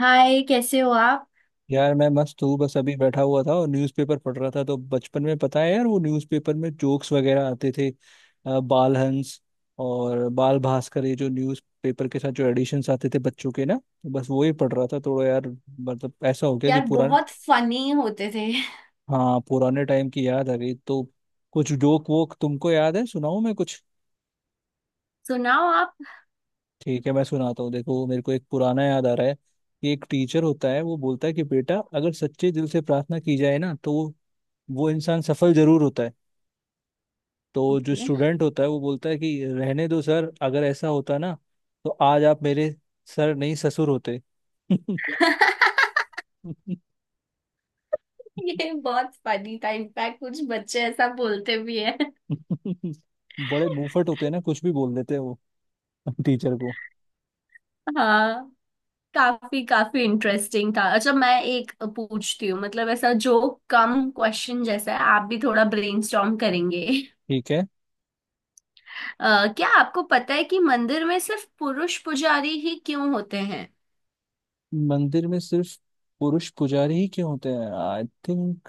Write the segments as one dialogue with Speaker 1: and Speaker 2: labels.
Speaker 1: हाय, कैसे हो आप?
Speaker 2: यार मैं मस्त हूँ। बस अभी बैठा हुआ था और न्यूज़पेपर पढ़ रहा था। तो बचपन में पता है यार वो न्यूज़पेपर में जोक्स वगैरह आते थे बाल हंस और बाल भास्कर, ये जो न्यूज़पेपर के साथ जो एडिशंस आते थे बच्चों के ना, तो बस वो ही पढ़ रहा था थोड़ा यार। मतलब ऐसा हो गया कि
Speaker 1: यार,
Speaker 2: पुराना।
Speaker 1: बहुत फनी होते थे।
Speaker 2: हाँ, पुराने टाइम की याद आ गई। तो कुछ जोक वोक तुमको याद है, सुनाऊँ मैं कुछ?
Speaker 1: सुनाओ आप।
Speaker 2: ठीक है, मैं सुनाता हूँ। देखो, मेरे को एक पुराना याद आ रहा है कि एक टीचर होता है वो बोलता है कि बेटा, अगर सच्चे दिल से प्रार्थना की जाए ना तो वो इंसान सफल जरूर होता है। तो जो
Speaker 1: ओके।
Speaker 2: स्टूडेंट होता है वो बोलता है कि रहने दो सर, अगर ऐसा होता ना तो आज आप मेरे सर नहीं ससुर होते।
Speaker 1: ये बहुत फनी था। इनफैक्ट कुछ बच्चे ऐसा बोलते भी है।
Speaker 2: बड़े मुंहफट होते हैं ना, कुछ भी बोल देते हैं वो टीचर को।
Speaker 1: हाँ। काफी काफी इंटरेस्टिंग था। अच्छा, मैं एक पूछती हूँ, मतलब ऐसा जो कम क्वेश्चन जैसा है, आप भी थोड़ा ब्रेनस्टॉर्म करेंगे।
Speaker 2: ठीक है।
Speaker 1: क्या आपको पता है कि मंदिर में सिर्फ पुरुष पुजारी ही क्यों होते हैं?
Speaker 2: मंदिर में सिर्फ पुरुष पुजारी ही क्यों होते हैं? आई थिंक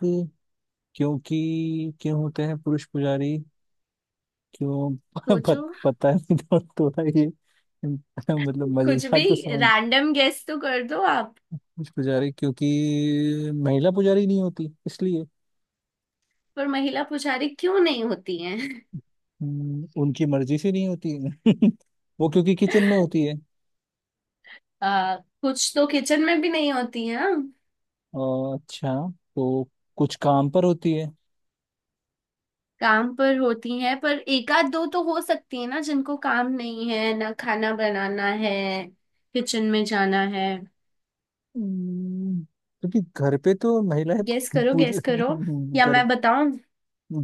Speaker 2: क्योंकि क्यों होते हैं पुरुष पुजारी? क्यों?
Speaker 1: सोचो।
Speaker 2: पता नहीं, थोड़ा ये मतलब
Speaker 1: कुछ
Speaker 2: मजेदार
Speaker 1: भी।
Speaker 2: तो साउंड।
Speaker 1: रैंडम गेस तो कर दो आप।
Speaker 2: पुरुष पुजारी क्योंकि महिला पुजारी नहीं होती, इसलिए।
Speaker 1: पर महिला पुजारी क्यों नहीं होती?
Speaker 2: उनकी मर्जी से नहीं होती है। वो क्योंकि किचन में होती है।
Speaker 1: आ, कुछ तो किचन में भी नहीं होती हैं।
Speaker 2: और अच्छा। तो कुछ काम पर होती है।
Speaker 1: काम पर होती हैं, पर एक आध दो तो हो सकती है ना, जिनको काम नहीं है ना, खाना बनाना है, किचन में जाना है।
Speaker 2: हम्म, क्योंकि घर पे तो महिलाएं
Speaker 1: गेस करो,
Speaker 2: पूजा
Speaker 1: गेस करो, या
Speaker 2: घर।
Speaker 1: मैं बताऊं?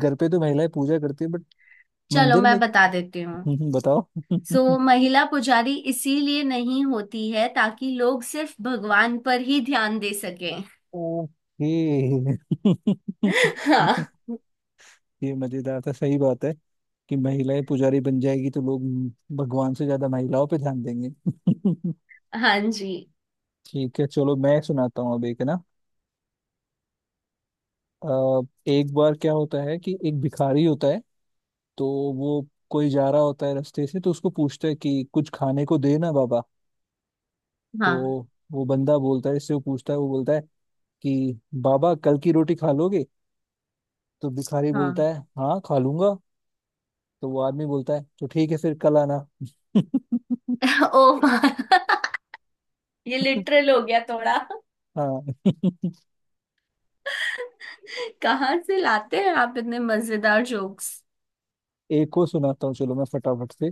Speaker 2: घर पे तो महिलाएं पूजा करती है बट
Speaker 1: चलो,
Speaker 2: मंदिर
Speaker 1: मैं
Speaker 2: में।
Speaker 1: बता देती हूँ।
Speaker 2: बताओ।
Speaker 1: सो महिला पुजारी इसीलिए नहीं होती है, ताकि लोग सिर्फ भगवान पर ही ध्यान दे सकें।
Speaker 2: ओके।
Speaker 1: हाँ।
Speaker 2: ये मजेदार था, सही बात है कि महिलाएं पुजारी बन जाएगी तो लोग भगवान से ज्यादा महिलाओं पे ध्यान देंगे।
Speaker 1: हाँ जी।
Speaker 2: ठीक है, चलो मैं सुनाता हूँ अब एक है ना। अ, एक बार क्या होता है कि एक भिखारी होता है। तो वो, कोई जा रहा होता है रास्ते से तो उसको पूछता है कि कुछ खाने को दे ना बाबा। तो
Speaker 1: हाँ।
Speaker 2: वो बंदा बोलता है इससे, वो पूछता है वो बोलता है कि बाबा कल की रोटी खा लोगे? तो भिखारी बोलता
Speaker 1: हाँ।
Speaker 2: है हाँ खा लूंगा। तो वो आदमी बोलता है तो ठीक है फिर कल आना।
Speaker 1: ओ। ये लिटरल हो गया थोड़ा।
Speaker 2: हाँ।
Speaker 1: कहाँ से लाते हैं आप इतने मजेदार जोक्स?
Speaker 2: एक को सुनाता हूँ, चलो मैं फटाफट से।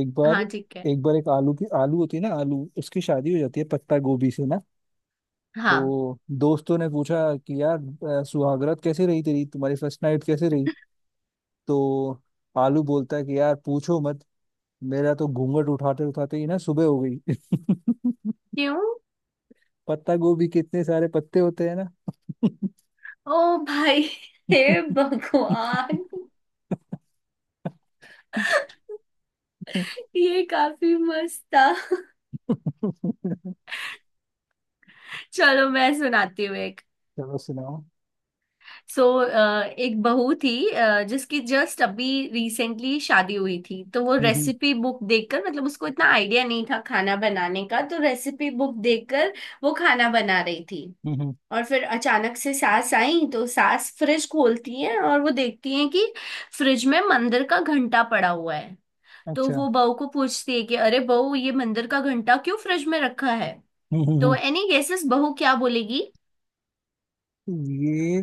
Speaker 2: एक बार
Speaker 1: हाँ, ठीक है।
Speaker 2: एक बार एक आलू की, आलू होती है ना, आलू उसकी शादी हो जाती है पत्ता गोभी से ना।
Speaker 1: हाँ।
Speaker 2: तो दोस्तों ने पूछा कि यार, सुहागरात कैसे रही तेरी, तुम्हारी फर्स्ट नाइट कैसे रही? तो आलू बोलता है कि यार पूछो मत, मेरा तो घूंघट उठाते उठाते ही ना सुबह हो गई।
Speaker 1: क्यों?
Speaker 2: पत्ता गोभी के इतने सारे पत्ते होते हैं ना।
Speaker 1: ओ भाई। हे भगवान। ये काफी मस्त था। चलो, मैं सुनाती हूँ एक।
Speaker 2: चलो सुनाओ।
Speaker 1: सो एक बहू थी, जिसकी जस्ट अभी रिसेंटली शादी हुई थी, तो वो
Speaker 2: हम्म।
Speaker 1: रेसिपी बुक देखकर, मतलब उसको इतना आइडिया नहीं था खाना बनाने का, तो रेसिपी बुक देखकर वो खाना बना रही थी।
Speaker 2: हम्म।
Speaker 1: और फिर अचानक से सास आई, तो सास फ्रिज खोलती है और वो देखती है कि फ्रिज में मंदिर का घंटा पड़ा हुआ है। तो
Speaker 2: अच्छा।
Speaker 1: वो बहू को पूछती है कि अरे बहू, ये मंदिर का घंटा क्यों फ्रिज में रखा है?
Speaker 2: हम्म।
Speaker 1: तो
Speaker 2: हम्म।
Speaker 1: एनी गेसेस, बहू क्या बोलेगी?
Speaker 2: हम्म। ये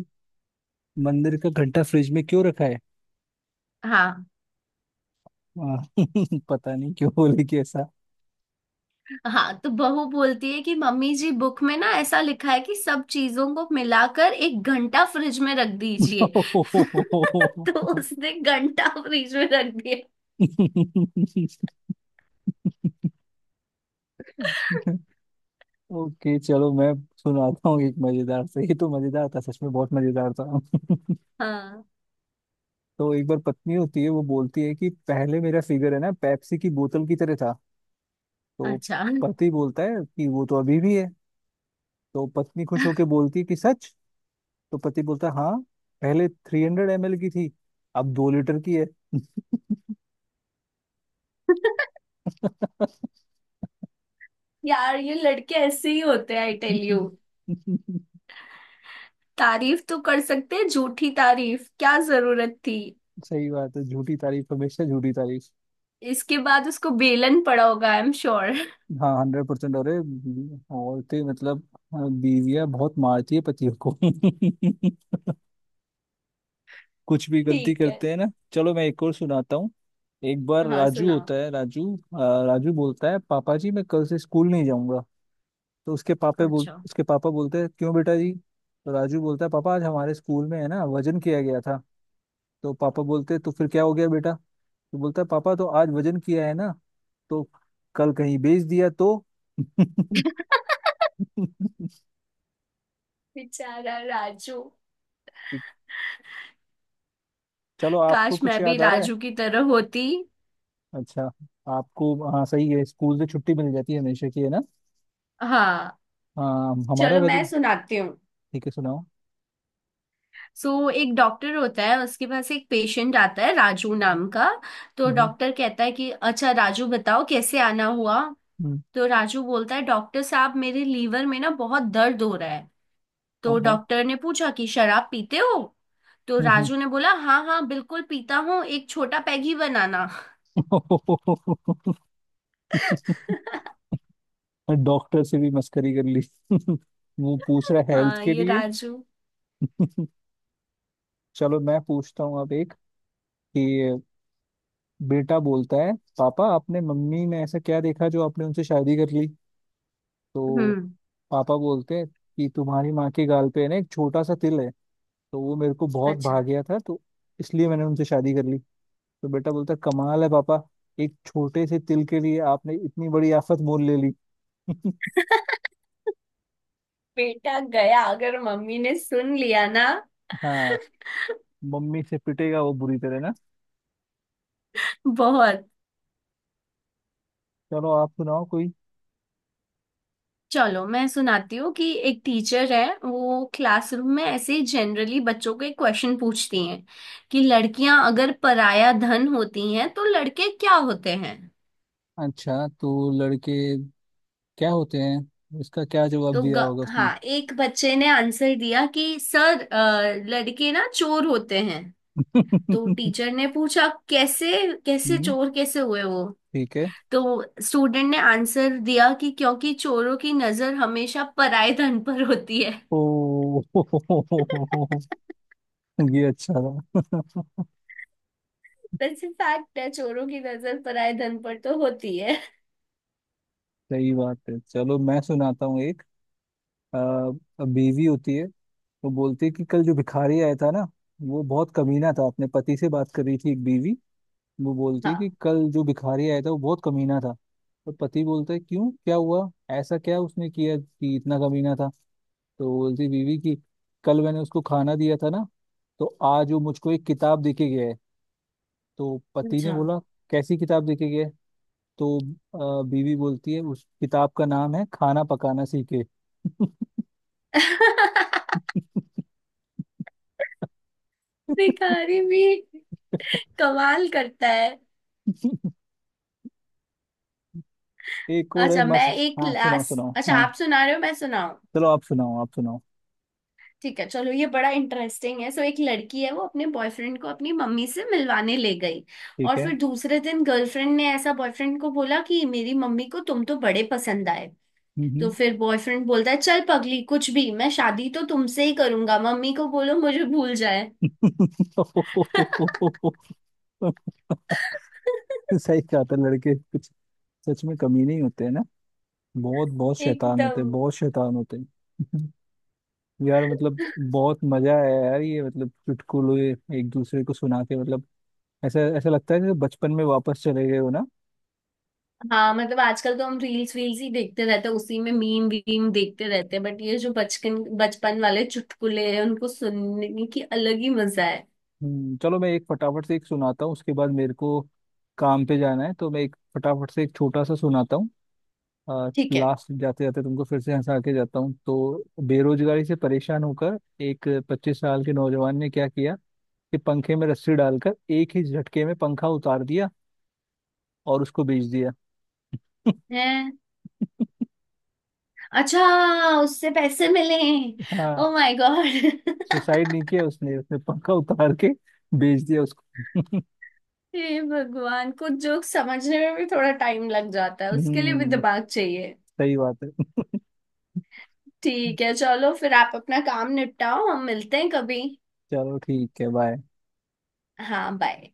Speaker 2: मंदिर का घंटा फ्रिज में क्यों रखा है?
Speaker 1: हाँ,
Speaker 2: हाँ, पता नहीं क्यों बोले कि ऐसा।
Speaker 1: हाँ। तो बहू बोलती है कि मम्मी जी, बुक में ना ऐसा लिखा है कि सब चीजों को मिलाकर एक घंटा फ्रिज में रख दीजिए। तो उसने घंटा फ्रिज में रख दिया।
Speaker 2: ओके, चलो मैं सुनाता हूँ एक मजेदार से। ये तो मजेदार था, सच में बहुत मजेदार था।
Speaker 1: हाँ।
Speaker 2: तो एक बार पत्नी होती है वो बोलती है कि पहले मेरा फिगर है ना पेप्सी की बोतल की तरह था। तो
Speaker 1: अच्छा।
Speaker 2: पति बोलता है कि वो तो अभी भी है। तो पत्नी खुश होकर बोलती है कि सच? तो पति बोलता है हाँ, पहले 300 ml की थी, अब 2 लीटर की है।
Speaker 1: यार, ये लड़के ऐसे ही होते हैं, आई टेल यू। तारीफ तो कर सकते हैं, झूठी तारीफ क्या जरूरत थी?
Speaker 2: सही बात है, झूठी तारीफ, हमेशा झूठी तारीफ।
Speaker 1: इसके बाद उसको बेलन पड़ा होगा, आई एम श्योर।
Speaker 2: हाँ, 100%। अरे औरतें मतलब, बीवियां बहुत मारती है पतियों को। कुछ भी गलती
Speaker 1: ठीक है।
Speaker 2: करते हैं ना। चलो मैं एक और सुनाता हूँ। एक बार
Speaker 1: हाँ,
Speaker 2: राजू
Speaker 1: सुनाओ।
Speaker 2: होता है, राजू राजू बोलता है पापा जी मैं कल से स्कूल नहीं जाऊंगा। तो
Speaker 1: अच्छा।
Speaker 2: उसके पापा बोलते हैं क्यों बेटा जी? तो राजू बोलता है पापा आज हमारे स्कूल में है ना वजन किया गया था। तो पापा बोलते हैं, तो फिर क्या हो गया बेटा? तो बोलता है पापा तो आज वजन किया है ना, तो कल कहीं बेच दिया तो।
Speaker 1: बेचारा राजू।
Speaker 2: ठीक, चलो आपको
Speaker 1: काश
Speaker 2: कुछ
Speaker 1: मैं भी
Speaker 2: याद आ रहा है?
Speaker 1: राजू की तरह होती।
Speaker 2: अच्छा आपको, हाँ सही है, स्कूल से छुट्टी मिल जाती है हमेशा की, है ना?
Speaker 1: हाँ।
Speaker 2: हाँ, हमारा
Speaker 1: चलो, मैं
Speaker 2: वजन।
Speaker 1: सुनाती हूँ।
Speaker 2: ठीक है, सुनाओ।
Speaker 1: सो एक डॉक्टर होता है, उसके पास एक पेशेंट आता है राजू नाम का। तो
Speaker 2: हम्म।
Speaker 1: डॉक्टर कहता है कि अच्छा राजू, बताओ कैसे आना हुआ।
Speaker 2: हम्म,
Speaker 1: तो राजू बोलता है, डॉक्टर साहब, मेरे लीवर में ना बहुत दर्द हो रहा है।
Speaker 2: हाँ
Speaker 1: तो
Speaker 2: हाँ।
Speaker 1: डॉक्टर ने पूछा कि शराब पीते हो? तो
Speaker 2: हम्म।
Speaker 1: राजू ने बोला, हाँ हाँ, बिल्कुल पीता हूँ, एक छोटा पैग ही बनाना।
Speaker 2: हम्म। डॉक्टर से भी मस्करी कर ली। वो पूछ रहा है हेल्थ
Speaker 1: हाँ,
Speaker 2: के
Speaker 1: ये
Speaker 2: लिए।
Speaker 1: राजू।
Speaker 2: चलो मैं पूछता हूँ अब एक कि बेटा बोलता है पापा, आपने मम्मी में ऐसा क्या देखा जो आपने उनसे शादी कर ली? तो
Speaker 1: हम्म।
Speaker 2: पापा बोलते हैं कि तुम्हारी माँ के गाल पे है ना एक छोटा सा तिल है, तो वो मेरे को बहुत भा
Speaker 1: अच्छा।
Speaker 2: गया था, तो इसलिए मैंने उनसे शादी कर ली। तो बेटा बोलता कमाल है पापा, एक छोटे से तिल के लिए आपने इतनी बड़ी आफत मोल ले ली।
Speaker 1: बेटा गया अगर मम्मी ने सुन लिया ना।
Speaker 2: हाँ, मम्मी से पिटेगा वो बुरी तरह ना।
Speaker 1: बहुत।
Speaker 2: चलो आप सुनाओ कोई।
Speaker 1: चलो, मैं सुनाती हूँ कि एक टीचर है, वो क्लासरूम में ऐसे ही जनरली बच्चों के क्वेश्चन पूछती हैं कि लड़कियां अगर पराया धन होती हैं, तो लड़के क्या होते हैं?
Speaker 2: अच्छा तो लड़के क्या होते हैं, इसका क्या जवाब
Speaker 1: तो
Speaker 2: दिया होगा उसने?
Speaker 1: हाँ, एक बच्चे ने आंसर दिया कि सर, लड़के ना चोर होते हैं। तो टीचर ने पूछा, कैसे? कैसे
Speaker 2: हम्म।
Speaker 1: चोर कैसे हुए वो?
Speaker 2: ठीक है।
Speaker 1: तो स्टूडेंट ने आंसर दिया कि क्योंकि चोरों की नजर हमेशा पराये धन पर होती है।
Speaker 2: ओ ये अच्छा था।
Speaker 1: वैसे फैक्ट है, चोरों की नजर पराये धन पर तो होती है।
Speaker 2: सही बात है, चलो मैं सुनाता हूँ एक। बीवी होती है तो बोलती है कि कल जो भिखारी आया था ना वो बहुत कमीना था, अपने पति से बात कर रही थी एक बीवी। वो बोलती है कि
Speaker 1: हाँ।
Speaker 2: कल जो भिखारी आया था वो बहुत कमीना था। तो पति बोलता है क्यों, क्या हुआ? ऐसा क्या उसने किया कि इतना कमीना था? तो बोलती बीवी कि कल मैंने उसको खाना दिया था ना, तो आज वो मुझको एक किताब देके गया है। तो पति ने
Speaker 1: अच्छा।
Speaker 2: बोला कैसी किताब देके गया है? तो बीवी बोलती है उस किताब का नाम है खाना पकाना सीखे।
Speaker 1: भिखारी भी कमाल करता है।
Speaker 2: एक और है
Speaker 1: अच्छा, मैं
Speaker 2: मस्त,
Speaker 1: एक
Speaker 2: हाँ सुनाओ
Speaker 1: लास्ट,
Speaker 2: सुनाओ।
Speaker 1: अच्छा,
Speaker 2: हाँ
Speaker 1: आप सुना रहे हो, मैं सुनाऊं?
Speaker 2: चलो आप सुनाओ आप सुनाओ।
Speaker 1: ठीक है, चलो, ये बड़ा इंटरेस्टिंग है। सो एक लड़की है, वो अपने बॉयफ्रेंड को अपनी मम्मी से मिलवाने ले गई।
Speaker 2: ठीक
Speaker 1: और
Speaker 2: है।
Speaker 1: फिर दूसरे दिन गर्लफ्रेंड ने ऐसा बॉयफ्रेंड को बोला कि मेरी मम्मी को तुम तो बड़े पसंद आए। तो
Speaker 2: हम्म।
Speaker 1: फिर बॉयफ्रेंड बोलता है, चल पगली, कुछ भी, मैं शादी तो तुमसे ही करूंगा, मम्मी को बोलो मुझे भूल जाए।
Speaker 2: हम्म। सही कहा था, लड़के कुछ सच में कमी नहीं होते हैं ना, बहुत बहुत शैतान होते
Speaker 1: एकदम।
Speaker 2: हैं, बहुत शैतान होते हैं। यार मतलब बहुत मजा आया यार, ये मतलब चुटकुले एक दूसरे को सुना के, मतलब ऐसा ऐसा लगता है जैसे बचपन में वापस चले गए हो ना।
Speaker 1: हाँ, मतलब आजकल तो हम रील्स वील्स ही देखते रहते हैं, उसी में मीम वीम देखते रहते हैं, बट ये जो बचपन बचपन वाले चुटकुले हैं, उनको सुनने की अलग ही मजा है।
Speaker 2: चलो मैं एक फटाफट से एक सुनाता हूँ, उसके बाद मेरे को काम पे जाना है, तो मैं एक फटाफट से एक छोटा सा सुनाता हूँ।
Speaker 1: ठीक है।
Speaker 2: लास्ट जाते जाते तुमको फिर से हंसा के जाता हूँ। तो बेरोजगारी से परेशान होकर एक 25 साल के नौजवान ने क्या किया कि पंखे में रस्सी डालकर एक ही झटके में पंखा उतार दिया और उसको बेच दिया।
Speaker 1: हैं? अच्छा। उससे पैसे मिले?
Speaker 2: हाँ।
Speaker 1: Oh my God.
Speaker 2: सुसाइड नहीं किया उसने, उसने पंखा उतार के बेच दिया उसको।
Speaker 1: हे भगवान, कुछ जोक समझने में भी थोड़ा टाइम लग जाता है, उसके लिए भी
Speaker 2: हम्म
Speaker 1: दिमाग चाहिए।
Speaker 2: सही बात है।
Speaker 1: ठीक है, चलो फिर आप अपना काम निपटाओ, हम मिलते हैं कभी।
Speaker 2: चलो ठीक है, बाय।
Speaker 1: हाँ, बाय।